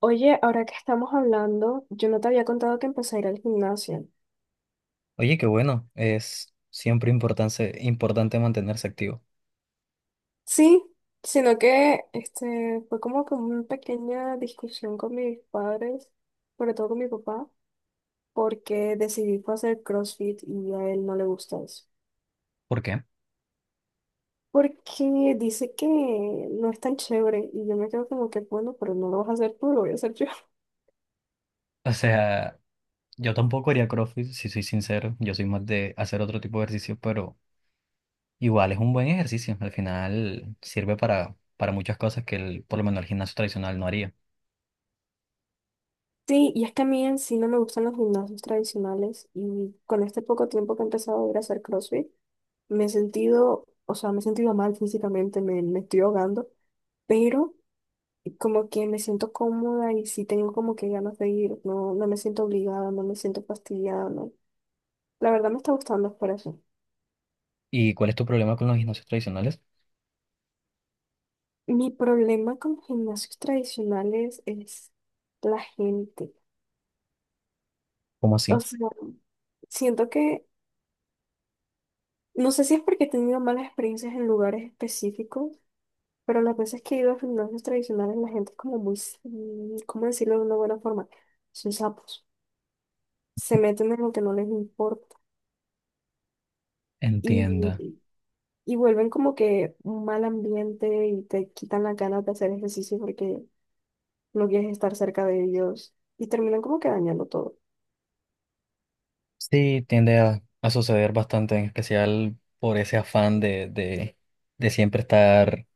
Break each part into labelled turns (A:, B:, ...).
A: Oye, ahora que estamos hablando, yo no te había contado que empecé a ir al gimnasio.
B: Oye, qué bueno, es siempre importante, importante mantenerse activo.
A: Sí, sino que este fue como que una pequeña discusión con mis padres, sobre todo con mi papá, porque decidí fue hacer CrossFit y a él no le gusta eso.
B: ¿Por qué?
A: Porque dice que no es tan chévere y yo me quedo como que, bueno, pero no lo vas a hacer tú, lo voy a hacer yo.
B: O sea, yo tampoco haría CrossFit, si soy sincero, yo soy más de hacer otro tipo de ejercicio, pero igual es un buen ejercicio, al final sirve para muchas cosas que el, por lo menos el gimnasio tradicional no haría.
A: Sí, y es que a mí en sí no me gustan los gimnasios tradicionales y con este poco tiempo que he empezado a ir a hacer CrossFit, me he sentido, o sea, me he sentido mal físicamente, me estoy ahogando, pero como que me siento cómoda y sí tengo como que ganas de ir, no, no me siento obligada, no me siento fastidiada, no. La verdad me está gustando por eso.
B: ¿Y cuál es tu problema con los gimnasios tradicionales?
A: Mi problema con los gimnasios tradicionales es la gente.
B: ¿Cómo
A: O
B: así?
A: sea, siento que, no sé si es porque he tenido malas experiencias en lugares específicos, pero las veces que he ido a gimnasios tradicionales la gente es como muy, ¿cómo decirlo de una buena forma? Son sapos, se meten en lo que no les importa y,
B: Entienda.
A: y vuelven como que un mal ambiente y te quitan las ganas de hacer ejercicio porque no quieres estar cerca de ellos y terminan como que dañando todo.
B: Sí, tiende a suceder bastante, en especial por ese afán de siempre estar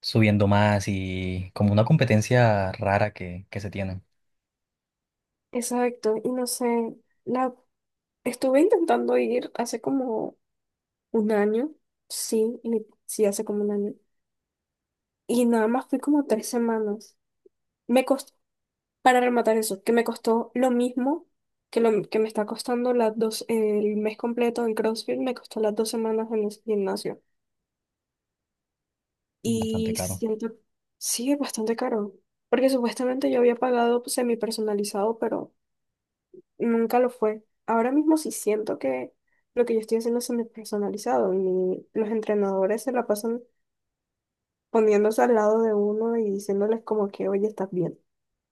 B: subiendo más y como una competencia rara que se tiene,
A: Exacto, y no sé, la estuve intentando ir hace como un año, sí, hace como un año, y nada más fui como 3 semanas. Me Para rematar eso, que me costó lo mismo que lo que me está costando las dos, el mes completo en CrossFit, me costó las dos semanas en el gimnasio.
B: bastante
A: Y
B: caro.
A: siento, sí, es bastante caro, porque supuestamente yo había pagado semi personalizado, pero nunca lo fue. Ahora mismo sí siento que lo que yo estoy haciendo es semi personalizado y los entrenadores se la pasan poniéndose al lado de uno y diciéndoles como que, oye, estás bien.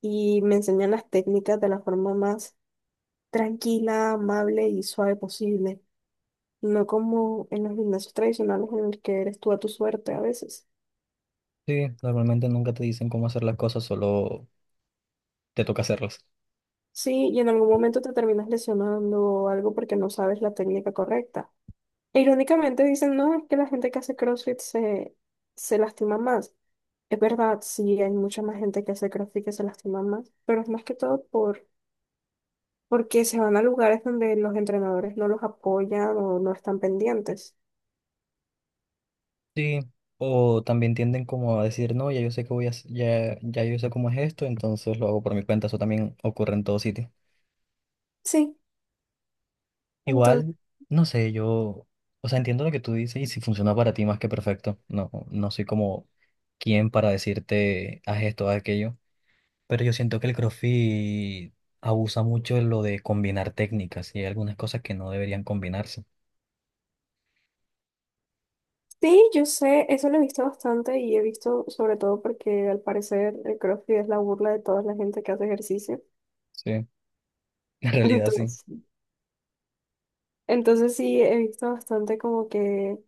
A: Y me enseñan las técnicas de la forma más tranquila, amable y suave posible, no como en los gimnasios tradicionales en el que eres tú a tu suerte a veces.
B: Sí, normalmente nunca te dicen cómo hacer las cosas, solo te toca hacerlas.
A: Sí, y en algún momento te terminas lesionando o algo porque no sabes la técnica correcta. E irónicamente dicen, no, es que la gente que hace CrossFit se lastima más. Es verdad, sí, hay mucha más gente que hace CrossFit que se lastima más, pero es más que todo porque se van a lugares donde los entrenadores no los apoyan o no están pendientes.
B: Sí, o también tienden como a decir, no, ya yo sé que voy a, ya, ya yo sé cómo es esto, entonces lo hago por mi cuenta, eso también ocurre en todo sitio.
A: Sí,
B: Igual, no sé, yo, o sea, entiendo lo que tú dices y si funciona para ti más que perfecto, no, no soy como quien para decirte, haz esto, haz aquello. Pero yo siento que el CrossFit abusa mucho en lo de combinar técnicas y hay algunas cosas que no deberían combinarse.
A: sí, yo sé, eso lo he visto bastante y he visto sobre todo porque al parecer el CrossFit es la burla de toda la gente que hace ejercicio.
B: Sí. En realidad sí.
A: Entonces, entonces, sí, he visto bastante como que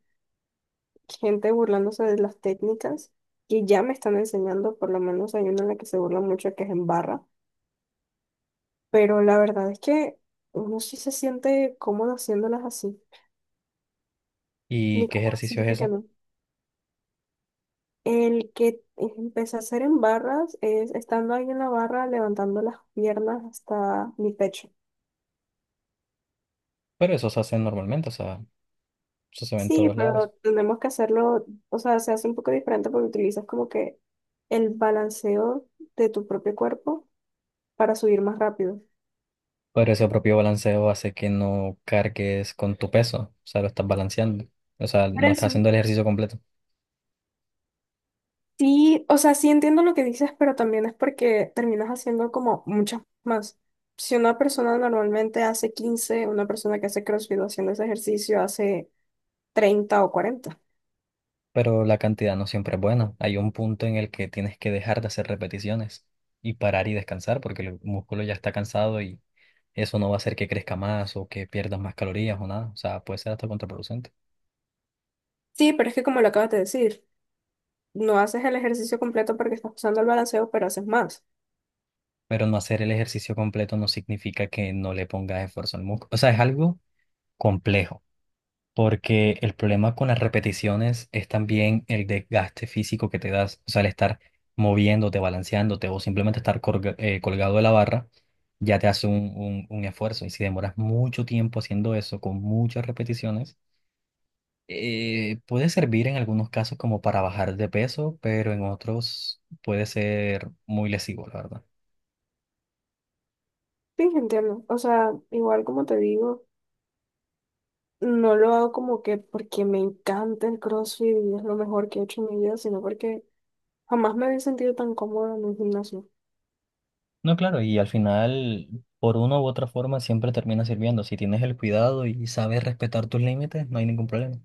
A: gente burlándose de las técnicas que ya me están enseñando, por lo menos hay una en la que se burla mucho que es en barra, pero la verdad es que uno sí se siente cómodo haciéndolas así,
B: ¿Y
A: ni
B: qué
A: cómo
B: ejercicio
A: decirte
B: es
A: que
B: ese?
A: no. El que empecé a hacer en barras es estando ahí en la barra levantando las piernas hasta mi pecho.
B: Pero eso se hace normalmente, o sea, eso se ve en
A: Sí,
B: todos lados.
A: pero tenemos que hacerlo, o sea, se hace un poco diferente porque utilizas como que el balanceo de tu propio cuerpo para subir más rápido.
B: Pero ese propio balanceo hace que no cargues con tu peso, o sea, lo estás balanceando. O sea,
A: Por
B: no estás
A: eso.
B: haciendo el ejercicio completo.
A: Sí, o sea, sí entiendo lo que dices, pero también es porque terminas haciendo como muchas más. Si una persona normalmente hace 15, una persona que hace CrossFit haciendo ese ejercicio hace 30 o 40.
B: Pero la cantidad no siempre es buena. Hay un punto en el que tienes que dejar de hacer repeticiones y parar y descansar porque el músculo ya está cansado y eso no va a hacer que crezca más o que pierdas más calorías o nada. O sea, puede ser hasta contraproducente.
A: Sí, pero es que como lo acabas de decir, no haces el ejercicio completo porque estás usando el balanceo, pero haces más.
B: Pero no hacer el ejercicio completo no significa que no le pongas esfuerzo al músculo. O sea, es algo complejo. Porque el problema con las repeticiones es también el desgaste físico que te das, o sea, el estar moviéndote, balanceándote o simplemente estar colgado de la barra, ya te hace un, un esfuerzo. Y si demoras mucho tiempo haciendo eso con muchas repeticiones, puede servir en algunos casos como para bajar de peso, pero en otros puede ser muy lesivo, la verdad.
A: Sí, entiendo. O sea, igual como te digo, no lo hago como que porque me encanta el CrossFit y es lo mejor que he hecho en mi vida, sino porque jamás me había sentido tan cómoda en un gimnasio.
B: No, claro, y al final, por una u otra forma, siempre termina sirviendo. Si tienes el cuidado y sabes respetar tus límites, no hay ningún problema.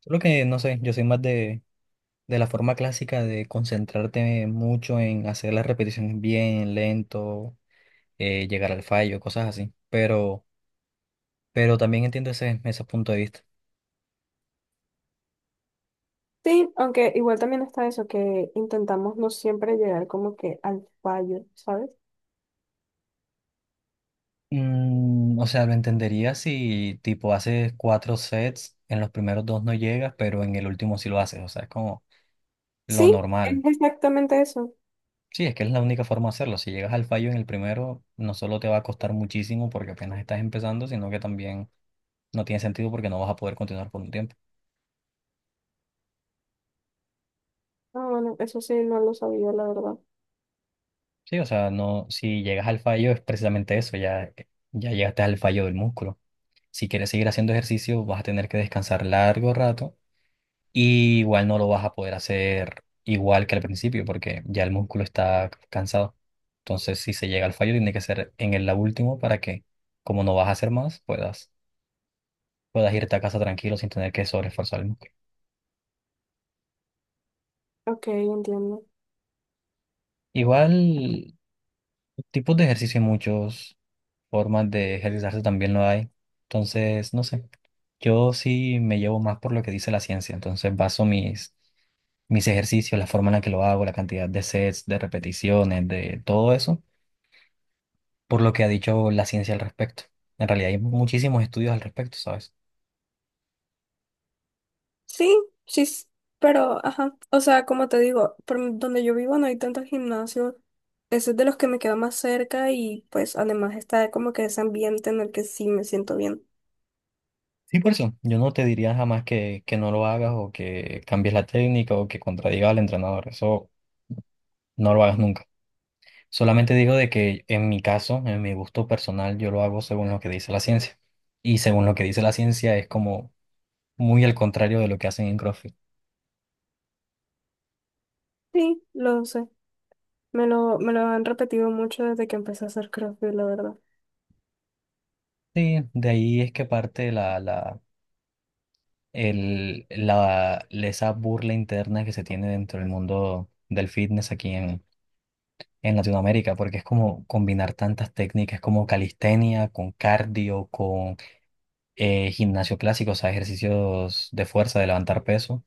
B: Solo que no sé, yo soy más de la forma clásica de concentrarte mucho en hacer las repeticiones bien, lento, llegar al fallo, cosas así. Pero también entiendo ese, ese punto de vista.
A: Sí, aunque igual también está eso, que intentamos no siempre llegar como que al fallo, ¿sabes?
B: Mm, o sea, lo entendería si tipo haces cuatro sets, en los primeros dos no llegas, pero en el último sí lo haces. O sea, es como lo
A: Sí,
B: normal.
A: es exactamente eso.
B: Sí, es que es la única forma de hacerlo. Si llegas al fallo en el primero, no solo te va a costar muchísimo porque apenas estás empezando, sino que también no tiene sentido porque no vas a poder continuar por un tiempo.
A: Ah, bueno, eso sí, no lo sabía, la verdad.
B: Sí, o sea, no, si llegas al fallo es precisamente eso, ya, ya llegaste al fallo del músculo. Si quieres seguir haciendo ejercicio, vas a tener que descansar largo rato y igual no lo vas a poder hacer igual que al principio porque ya el músculo está cansado. Entonces, si se llega al fallo, tiene que ser en el la último para que, como no vas a hacer más, puedas, puedas irte a casa tranquilo sin tener que sobreesforzar el músculo.
A: Ok, entiendo.
B: Igual, tipos de ejercicio hay muchos. Formas de ejercitarse también lo hay. Entonces, no sé, yo sí me llevo más por lo que dice la ciencia, entonces baso mis, mis ejercicios, la forma en la que lo hago, la cantidad de sets, de repeticiones, de todo eso, por lo que ha dicho la ciencia al respecto. En realidad hay muchísimos estudios al respecto, ¿sabes?
A: Sí, sí, pero, ajá, o sea, como te digo, donde yo vivo no hay tantos gimnasios, ese es de los que me queda más cerca y pues además está como que ese ambiente en el que sí me siento bien.
B: Sí, por eso, yo no te diría jamás que, que no lo hagas o que cambies la técnica o que contradiga al entrenador, eso no lo hagas nunca. Solamente digo de que en mi caso, en mi gusto personal, yo lo hago según lo que dice la ciencia. Y según lo que dice la ciencia es como muy al contrario de lo que hacen en CrossFit.
A: Sí, lo sé, me lo han repetido mucho desde que empecé a hacer CrossFit, la verdad.
B: Sí, de ahí es que parte la, la, el, la, esa burla interna que se tiene dentro del mundo del fitness aquí en Latinoamérica, porque es como combinar tantas técnicas como calistenia, con cardio, con gimnasio clásico, o sea, ejercicios de fuerza, de levantar peso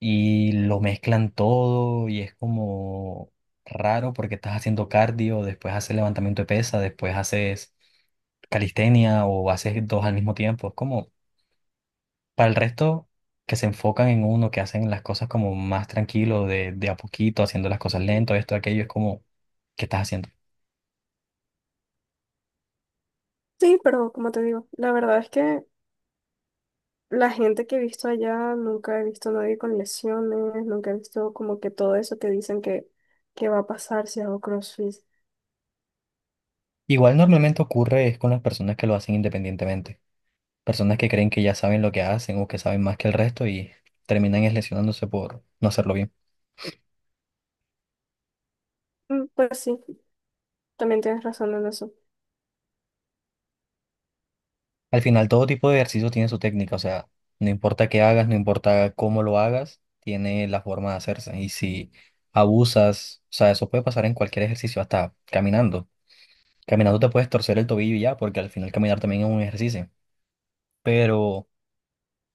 B: y lo mezclan todo y es como raro porque estás haciendo cardio, después haces levantamiento de pesa, después haces calistenia o haces dos al mismo tiempo. Es como para el resto que se enfocan en uno, que hacen las cosas como más tranquilo, de a poquito, haciendo las cosas lento, esto, aquello, es como, ¿qué estás haciendo?
A: Sí, pero como te digo, la verdad es que la gente que he visto allá, nunca he visto a nadie con lesiones, nunca he visto como que todo eso que dicen que, va a pasar si hago CrossFit.
B: Igual normalmente ocurre es con las personas que lo hacen independientemente. Personas que creen que ya saben lo que hacen o que saben más que el resto y terminan es lesionándose por no hacerlo bien.
A: Mm, pues sí, también tienes razón en eso.
B: Al final, todo tipo de ejercicio tiene su técnica, o sea, no importa qué hagas, no importa cómo lo hagas, tiene la forma de hacerse. Y si abusas, o sea, eso puede pasar en cualquier ejercicio, hasta caminando. Caminando te puedes torcer el tobillo y ya, porque al final caminar también es un ejercicio. Pero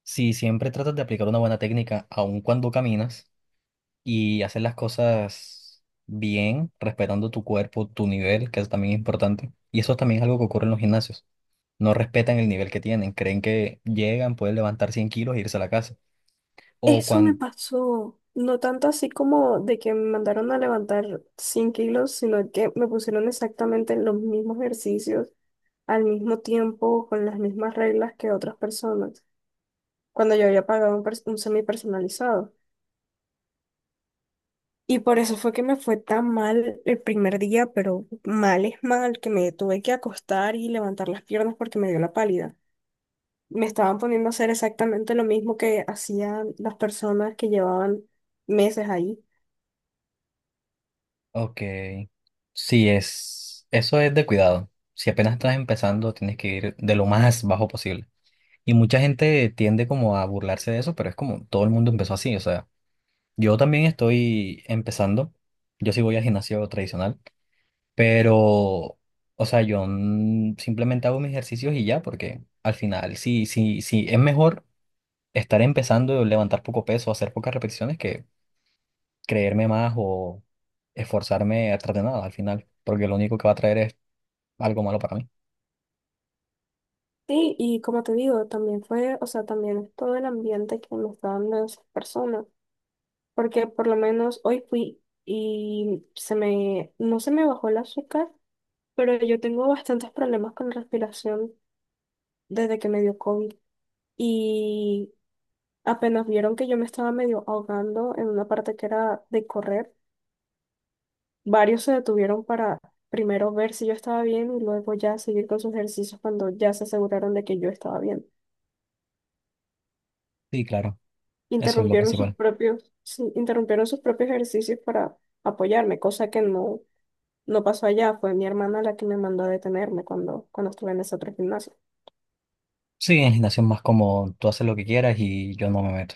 B: si siempre tratas de aplicar una buena técnica, aun cuando caminas, y haces las cosas bien, respetando tu cuerpo, tu nivel, que es también importante, y eso también es algo que ocurre en los gimnasios no respetan el nivel que tienen, creen que llegan, pueden levantar 100 kilos e irse a la casa. O
A: Eso me
B: cuando,
A: pasó, no tanto así como de que me mandaron a levantar 100 kilos, sino que me pusieron exactamente los mismos ejercicios al mismo tiempo, con las mismas reglas que otras personas, cuando yo había pagado un semi personalizado. Y por eso fue que me fue tan mal el primer día, pero mal es mal, que me tuve que acostar y levantar las piernas porque me dio la pálida. Me estaban poniendo a hacer exactamente lo mismo que hacían las personas que llevaban meses ahí.
B: ok, sí, es, eso es de cuidado. Si apenas estás empezando, tienes que ir de lo más bajo posible. Y mucha gente tiende como a burlarse de eso, pero es como todo el mundo empezó así. O sea, yo también estoy empezando, yo sí voy al gimnasio tradicional, pero, o sea, yo simplemente hago mis ejercicios y ya, porque al final, sí, sí, sí, es mejor. Estar empezando a levantar poco peso, hacer pocas repeticiones que creerme más o esforzarme a tratar de nada al final, porque lo único que va a traer es algo malo para mí.
A: Sí, y como te digo, también fue, o sea, también es todo el ambiente que me está dando esas personas, porque por lo menos hoy fui y no se me bajó el azúcar, pero yo tengo bastantes problemas con la respiración desde que me dio COVID y apenas vieron que yo me estaba medio ahogando en una parte que era de correr, varios se detuvieron para primero ver si yo estaba bien y luego ya seguir con sus ejercicios cuando ya se aseguraron de que yo estaba bien.
B: Sí, claro, eso es lo
A: Interrumpieron sus
B: principal.
A: propios, sí, interrumpieron sus propios ejercicios para apoyarme, cosa que no, no pasó allá. Fue mi hermana la que me mandó a detenerme cuando estuve en ese otro gimnasio.
B: Sí, en gimnasio es más como tú haces lo que quieras y yo no me meto.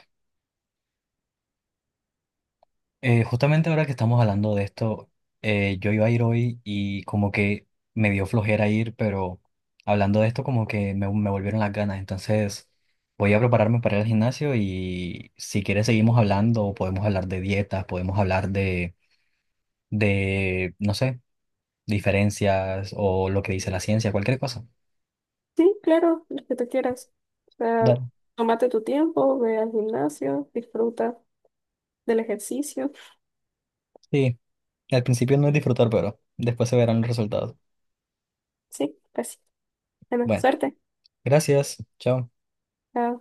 B: Justamente ahora que estamos hablando de esto, yo iba a ir hoy y como que me dio flojera ir, pero hablando de esto como que me volvieron las ganas. Entonces voy a prepararme para ir al gimnasio y si quieres seguimos hablando, podemos hablar de dietas, podemos hablar de, no sé, diferencias o lo que dice la ciencia, cualquier cosa.
A: Sí, claro, lo que tú quieras. O sea,
B: Dale.
A: tómate tu tiempo, ve al gimnasio, disfruta del ejercicio.
B: Sí, al principio no es disfrutar, pero después se verán los resultados.
A: Sí, pues, bueno,
B: Bueno,
A: suerte.
B: gracias. Chao.
A: Chao.